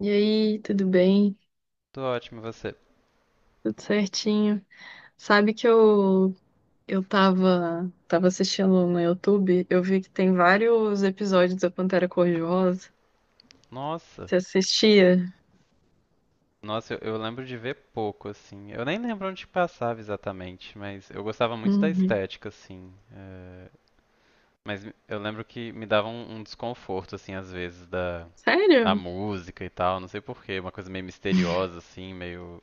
E aí, tudo bem? Tô ótimo, e você? Tudo certinho? Sabe que eu tava assistindo no YouTube, eu vi que tem vários episódios da Pantera Cor-de-Rosa. Nossa, Você assistia? nossa, eu lembro de ver pouco, assim. Eu nem lembro onde passava exatamente, mas eu gostava muito da Uhum. estética, assim. Mas eu lembro que me dava um desconforto, assim, às vezes, da a Sério? música e tal, não sei por quê, uma coisa meio misteriosa, assim, meio,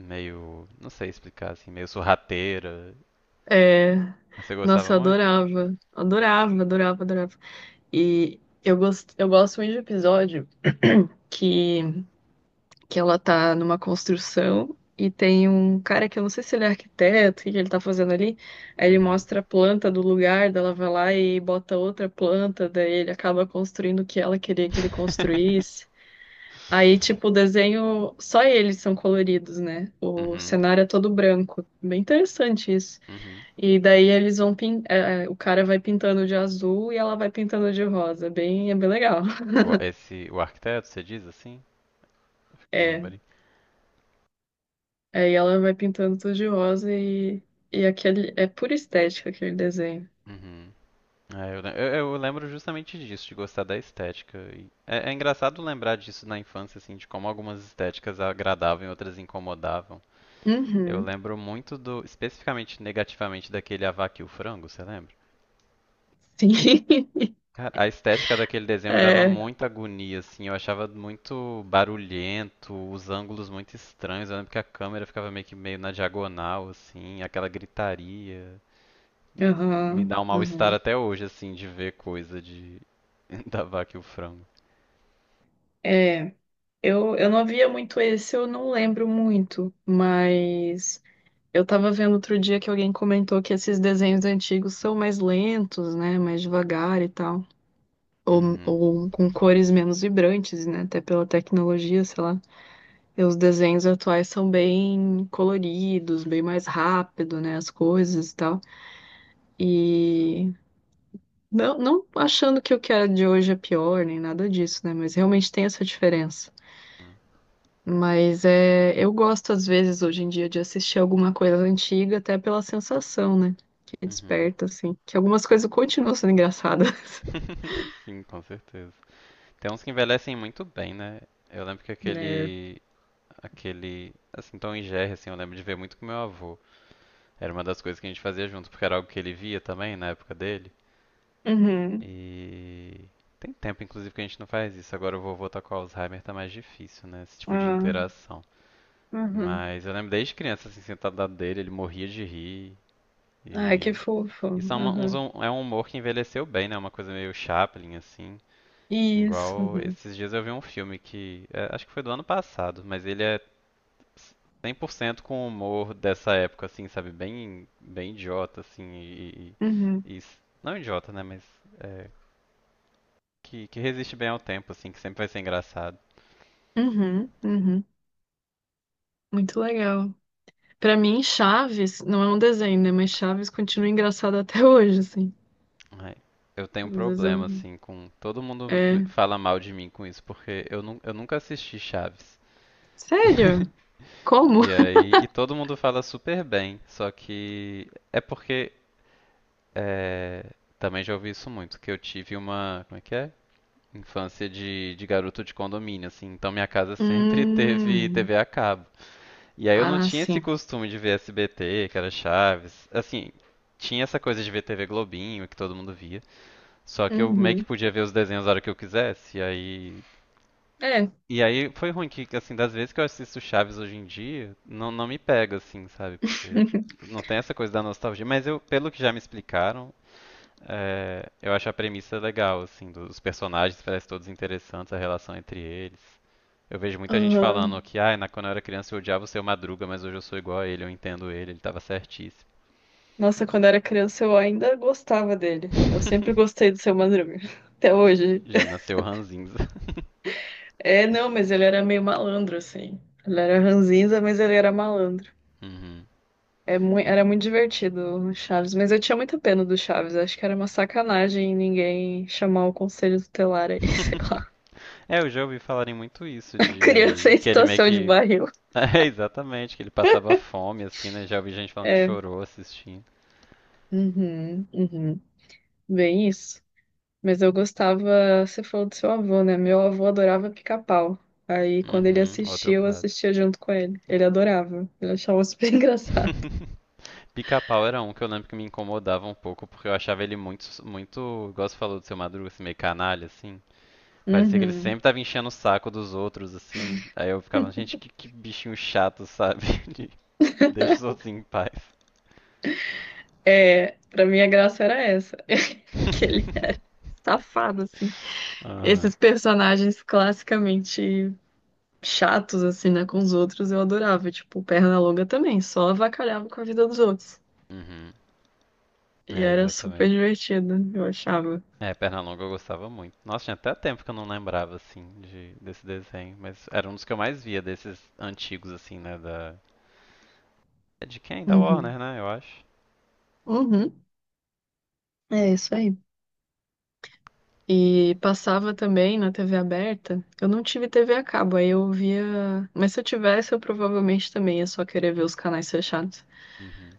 meio, não sei explicar, assim, meio sorrateira. É, Você gostava nossa, eu muito? adorava. Adorava, adorava, adorava. E eu gosto muito de episódio que que ela tá numa construção e tem um cara que eu não sei se ele é arquiteto, o que que ele tá fazendo ali. Aí ele Uhum. mostra a planta do lugar, daí ela vai lá e bota outra planta, daí ele acaba construindo o que ela queria que ele construísse. Aí, tipo, o desenho, só eles são coloridos, né? O Uhum, cenário é todo branco. Bem interessante isso. uhum. E daí eles o cara vai pintando de azul e ela vai pintando de rosa. Bem, é bem legal. Esse, o arquiteto, você diz assim? Fica uma É, bari- aí ela vai pintando tudo de rosa e aquele é pura estética aquele desenho. Uhum. É, eu lembro justamente disso, de gostar da estética. E é engraçado lembrar disso na infância, assim, de como algumas estéticas agradavam e outras incomodavam. Eu Uhum. lembro muito especificamente negativamente, daquele A Vaca e o Frango, você lembra? Sim. Cara, a estética daquele desenho me dava É. muita agonia, assim, eu achava muito barulhento, os ângulos muito estranhos, eu lembro que a câmera ficava meio que meio na diagonal, assim, aquela gritaria. Me Aham. dá um mal-estar Aham. até hoje, assim, de ver coisa de da Vaca e o Frango. É. Eu não via muito esse, eu não lembro muito, mas eu tava vendo outro dia que alguém comentou que esses desenhos antigos são mais lentos, né? Mais devagar e tal. Ou, Uhum. ou com cores menos vibrantes, né? Até pela tecnologia, sei lá. E os desenhos atuais são bem coloridos, bem mais rápido, né? As coisas e tal. E não achando que o que é de hoje é pior, nem nada disso, né? Mas realmente tem essa diferença. Hum, Mas é, eu gosto, às vezes, hoje em dia, de assistir alguma coisa antiga, até pela sensação, né? Que uhum. desperta, assim. Que algumas coisas continuam sendo engraçadas. Sim, com certeza. Tem uns que envelhecem muito bem, né? Eu lembro que Né? aquele, assim, Tom e Jerry, assim, eu lembro de ver muito com meu avô. Era uma das coisas que a gente fazia junto, porque era algo que ele via também na época dele. Uhum. E tem tempo, inclusive, que a gente não faz isso. Agora o vovô tá com Alzheimer, tá mais difícil, né? Esse tipo de Ah, interação. uhum. Mas eu lembro desde criança, assim, sentado do lado dele, ele morria de rir. Ai, E que fofo. isso é, uma- uns- Uhum. um, é um humor que envelheceu bem, né? Uma coisa meio Chaplin, assim. Isso. Igual Uhum. esses dias eu vi um filme que é, acho que foi do ano passado, mas ele é 100% com o humor dessa época, assim, sabe? Bem, bem idiota, assim, Uhum. Não idiota, né? Mas é, que resiste bem ao tempo, assim, que sempre vai ser engraçado. Uhum. Uhum. Muito legal. Pra mim, Chaves não é um desenho, né? Mas Chaves continua engraçado até hoje, assim. Ai, eu tenho um Às vezes eu... problema, assim, com todo mundo É... fala mal de mim com isso, porque eu nunca assisti Chaves. Sério? Como? E aí, e todo mundo fala super bem, só que é porque. É, também já ouvi isso muito, que eu tive uma, como é que é? Infância de garoto de condomínio, assim. Então minha casa sempre teve Hum... TV a cabo. E aí eu não Ah, tinha esse sim. costume de ver SBT, que era Chaves. Assim, tinha essa coisa de ver TV Globinho, que todo mundo via. Só que eu meio que Uhum. podia ver os desenhos a hora que eu quisesse. E aí. É. E aí foi ruim que, assim, das vezes que eu assisto Chaves hoje em dia, não, não me pega, assim, sabe? Porque não tem essa coisa da nostalgia. Mas eu, pelo que já me explicaram, é, eu acho a premissa legal, assim, dos personagens, parecem todos interessantes, a relação entre eles. Eu vejo muita gente falando Aham. que, ah, quando eu era criança eu odiava o seu Madruga, mas hoje eu sou igual a ele, eu entendo ele, ele tava certíssimo. Nossa, quando eu era criança eu ainda gostava dele. Eu sempre gostei do Seu Madruga. Até hoje. Já nasceu ranzinza. É, não, mas ele era meio malandro, assim. Ele era ranzinza, mas ele era malandro. Uhum. É mui- era muito divertido o Chaves, mas eu tinha muita pena do Chaves. Acho que era uma sacanagem ninguém chamar o conselho tutelar aí, sei lá. É, eu já ouvi falarem muito isso, Criança de em que ele meio situação de que. barril. É, exatamente, que ele passava fome, assim, né? Já ouvi gente falando que É, chorou assistindo. uhum, uhum, bem isso. Mas eu gostava, você falou do seu avô, né? Meu avô adorava pica-pau. Aí quando ele Uhum, outro assistia, eu clássico. assistia junto com ele. Ele adorava, ele achava super engraçado. Pica-pau era um que eu lembro que me incomodava um pouco, porque eu achava ele muito, muito, igual você falou do seu Madruga, assim, meio canalha, assim. Parecia que ele Uhum. sempre tava enchendo o saco dos outros, assim. Aí eu ficava, gente, que bichinho chato, sabe? De- Deixa os outros em paz. É, pra mim a graça era essa, que ele é safado, assim. Esses personagens classicamente chatos, assim, né, com os outros, eu adorava. Tipo, o Pernalonga também, só avacalhava com a vida dos outros. Uhum. E É, era super exatamente. divertido, eu achava. É, Pernalonga eu gostava muito. Nossa, tinha até tempo que eu não lembrava, assim, desse desenho. Mas era um dos que eu mais via, desses antigos, assim, né? Da... É de quem? Da Uhum. Warner, né? Eu acho. Uhum. É isso aí. E passava também na TV aberta. Eu não tive TV a cabo, aí eu via. Mas se eu tivesse, eu provavelmente também ia só querer ver os canais fechados. Uhum.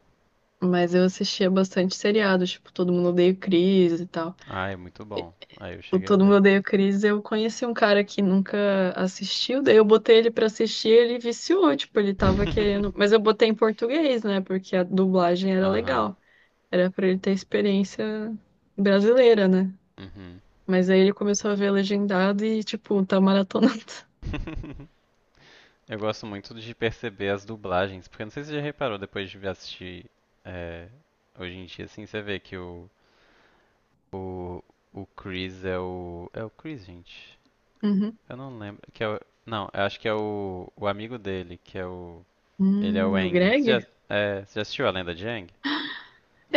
Mas eu assistia bastante seriado, tipo, Todo Mundo Odeia o Chris e tal. Ah, é muito bom. Aí eu O cheguei a Todo Mundo ver. Odeia o Chris, eu conheci um cara que nunca assistiu, daí eu botei ele pra assistir, ele viciou, tipo, ele tava querendo, mas eu botei em português, né, porque a dublagem era Aham. legal, era pra ele ter experiência brasileira, né? Uhum. Mas aí ele começou a ver legendado e, tipo, tá maratonando. Eu gosto muito de perceber as dublagens, porque não sei se você já reparou depois de assistir é, hoje em dia, assim, você vê que o, o Chris é o. É o Chris, gente? Uhum. Eu não lembro. Que é o, não, eu acho que é o amigo dele, que é o. Ele é o O Aang. Você Greg? já, é, você já assistiu a lenda de Aang?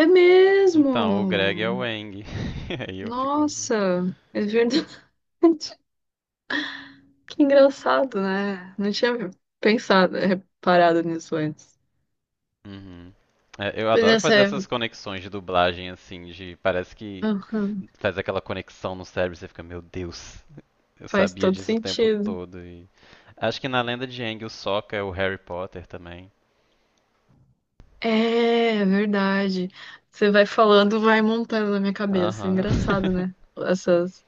É Então, o Greg é o mesmo! Aang. Aí eu fico muito. Nossa, é verdade. Que engraçado, né? Não tinha pensado, reparado nisso antes. Uhum. É, eu Pois é, adoro essa fazer essas conexões de dublagem, assim, de. Parece que aham, faz aquela conexão no cérebro, você fica, meu Deus, eu faz sabia todo disso o tempo sentido. todo. E... Acho que na lenda de Aang, o Sokka é o Harry Potter também. É, é verdade. Você vai falando, vai montando na minha cabeça. É Aham. engraçado, né? Essas.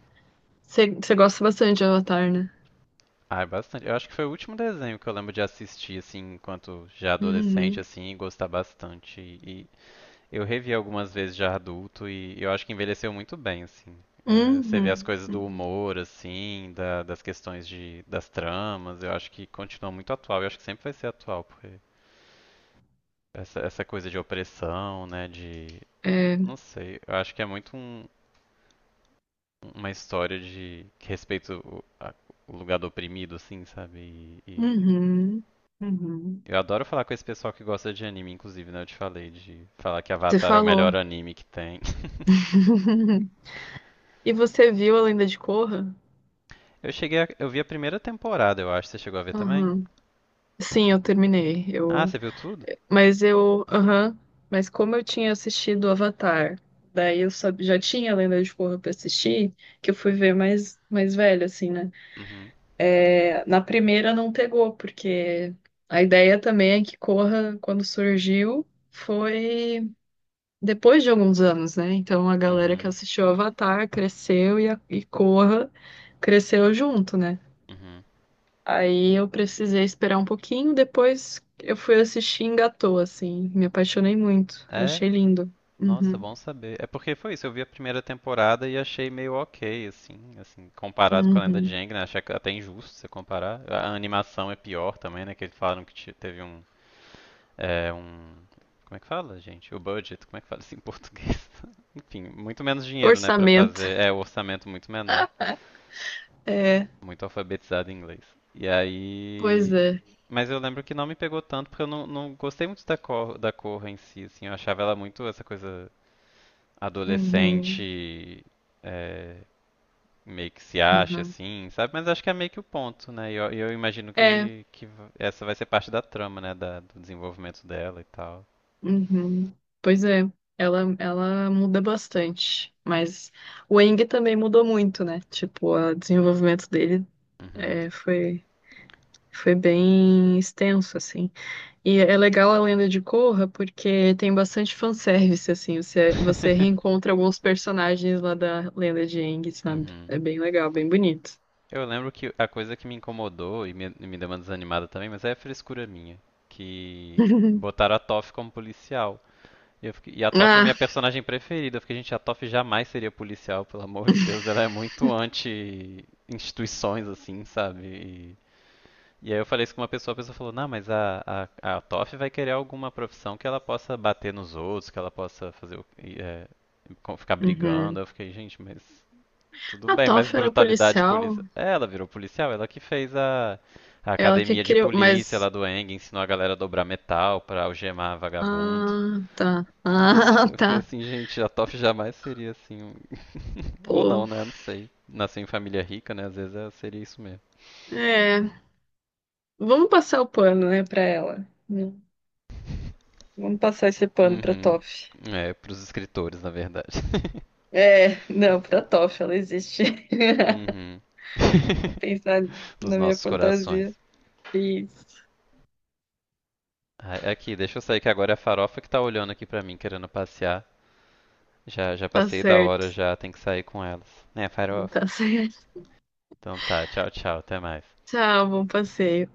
Você gosta bastante de Avatar, né? Ah, é bastante. Eu acho que foi o último desenho que eu lembro de assistir, assim, enquanto já adolescente, Uhum. assim, e gostar bastante. E eu revi algumas vezes já adulto e eu acho que envelheceu muito bem, assim. É, você vê as Uhum. coisas do Uhum. humor, assim, das questões das tramas, eu acho que continua muito atual. Eu acho que sempre vai ser atual, porque essa coisa de opressão, né? De. Não É. sei. Eu acho que é muito uma história de. Que respeita o lugar do oprimido, assim, sabe? E Uhum. Uhum. eu adoro falar com esse pessoal que gosta de anime, inclusive, né? Eu te falei de falar que Você Avatar é o melhor falou. anime que tem. E você viu A Lenda de Korra? Eu vi a primeira temporada, eu acho. Você chegou a ver também? Aham. Sim, eu terminei. Ah, Eu você viu tudo? mas eu, aham, mas como eu tinha assistido Avatar, daí eu sab- já tinha a Lenda de Korra pra assistir, que eu fui ver mais, mais velho, assim, né? Uhum. É, na primeira não pegou, porque a ideia também é que Korra, quando surgiu, foi depois de alguns anos, né? Então a galera que Uhum. assistiu Avatar cresceu e, a, e Korra cresceu junto, né? Uhum. Aí eu precisei esperar um pouquinho, depois eu fui assistir e engatou, assim. Me apaixonei muito. Eu É, achei lindo. nossa, Uhum, bom saber. É porque foi isso, eu vi a primeira temporada e achei meio ok, assim, assim, comparado com a Lenda de uhum. Aang, né? É até injusto você comparar. A animação é pior também, né? Que eles falaram que teve um, como é que fala, gente? O budget, como é que fala isso em português? Enfim, muito menos dinheiro, né, pra Orçamento. fazer, o orçamento muito menor, É, muito alfabetizado em inglês. E pois aí, é. mas eu lembro que não me pegou tanto porque eu não, não gostei muito da cor em si, assim, eu achava ela muito essa coisa Uhum, adolescente, é, meio que se acha uhum. assim, sabe? Mas acho que é meio que o ponto, né? E eu imagino É, que essa vai ser parte da trama, né? Do desenvolvimento dela e tal. uhum. Pois é. Ela muda bastante. Mas o Eng também mudou muito, né? Tipo, o desenvolvimento dele Uhum. é, foi, foi bem extenso, assim. E é legal a lenda de Korra porque tem bastante fanservice, assim. Você reencontra alguns personagens lá da lenda de Aang, sabe? Uhum. É bem legal, bem bonito. Eu lembro que a coisa que me incomodou e me deu uma desanimada também, mas é frescura minha, que botaram a Toph como policial. E a Toph é minha Ah, personagem preferida. Eu fiquei, gente, a Toph jamais seria policial, pelo amor de Deus. Ela é muito anti-instituições, assim, sabe? E aí eu falei isso com uma pessoa, a pessoa falou, não, mas a Toph vai querer alguma profissão que ela possa bater nos outros, que ela possa fazer o... ficar brigando. uhum. Eu fiquei, gente, mas tudo A bem, mas Toph era brutalidade policial, polícia. É, ela virou policial, ela que fez a, ela que academia de criou, polícia mas. lá do Eng, ensinou a galera a dobrar metal pra algemar vagabundo. Ah, tá. Ah, Eu fiquei tá. assim, gente, a Toph jamais seria assim. Ou não, Pô. né? Não sei. Nasceu em família rica, né? Às vezes seria isso mesmo. É. Vamos passar o pano, né, pra ela. Vamos passar esse pano pra Uhum. Toph. É, pros escritores, na verdade. É, não, pra Toph, ela existe. Uhum. Vou pensar Nos na minha nossos corações. fantasia. Isso. Ah, aqui, deixa eu sair que agora é a farofa que tá olhando aqui pra mim, querendo passear. Já, já Tá passei da certo. hora, já tem que sair com elas. Né, farofa? Tá certo. Então tá, tchau, tchau, até mais. Tchau, bom passeio.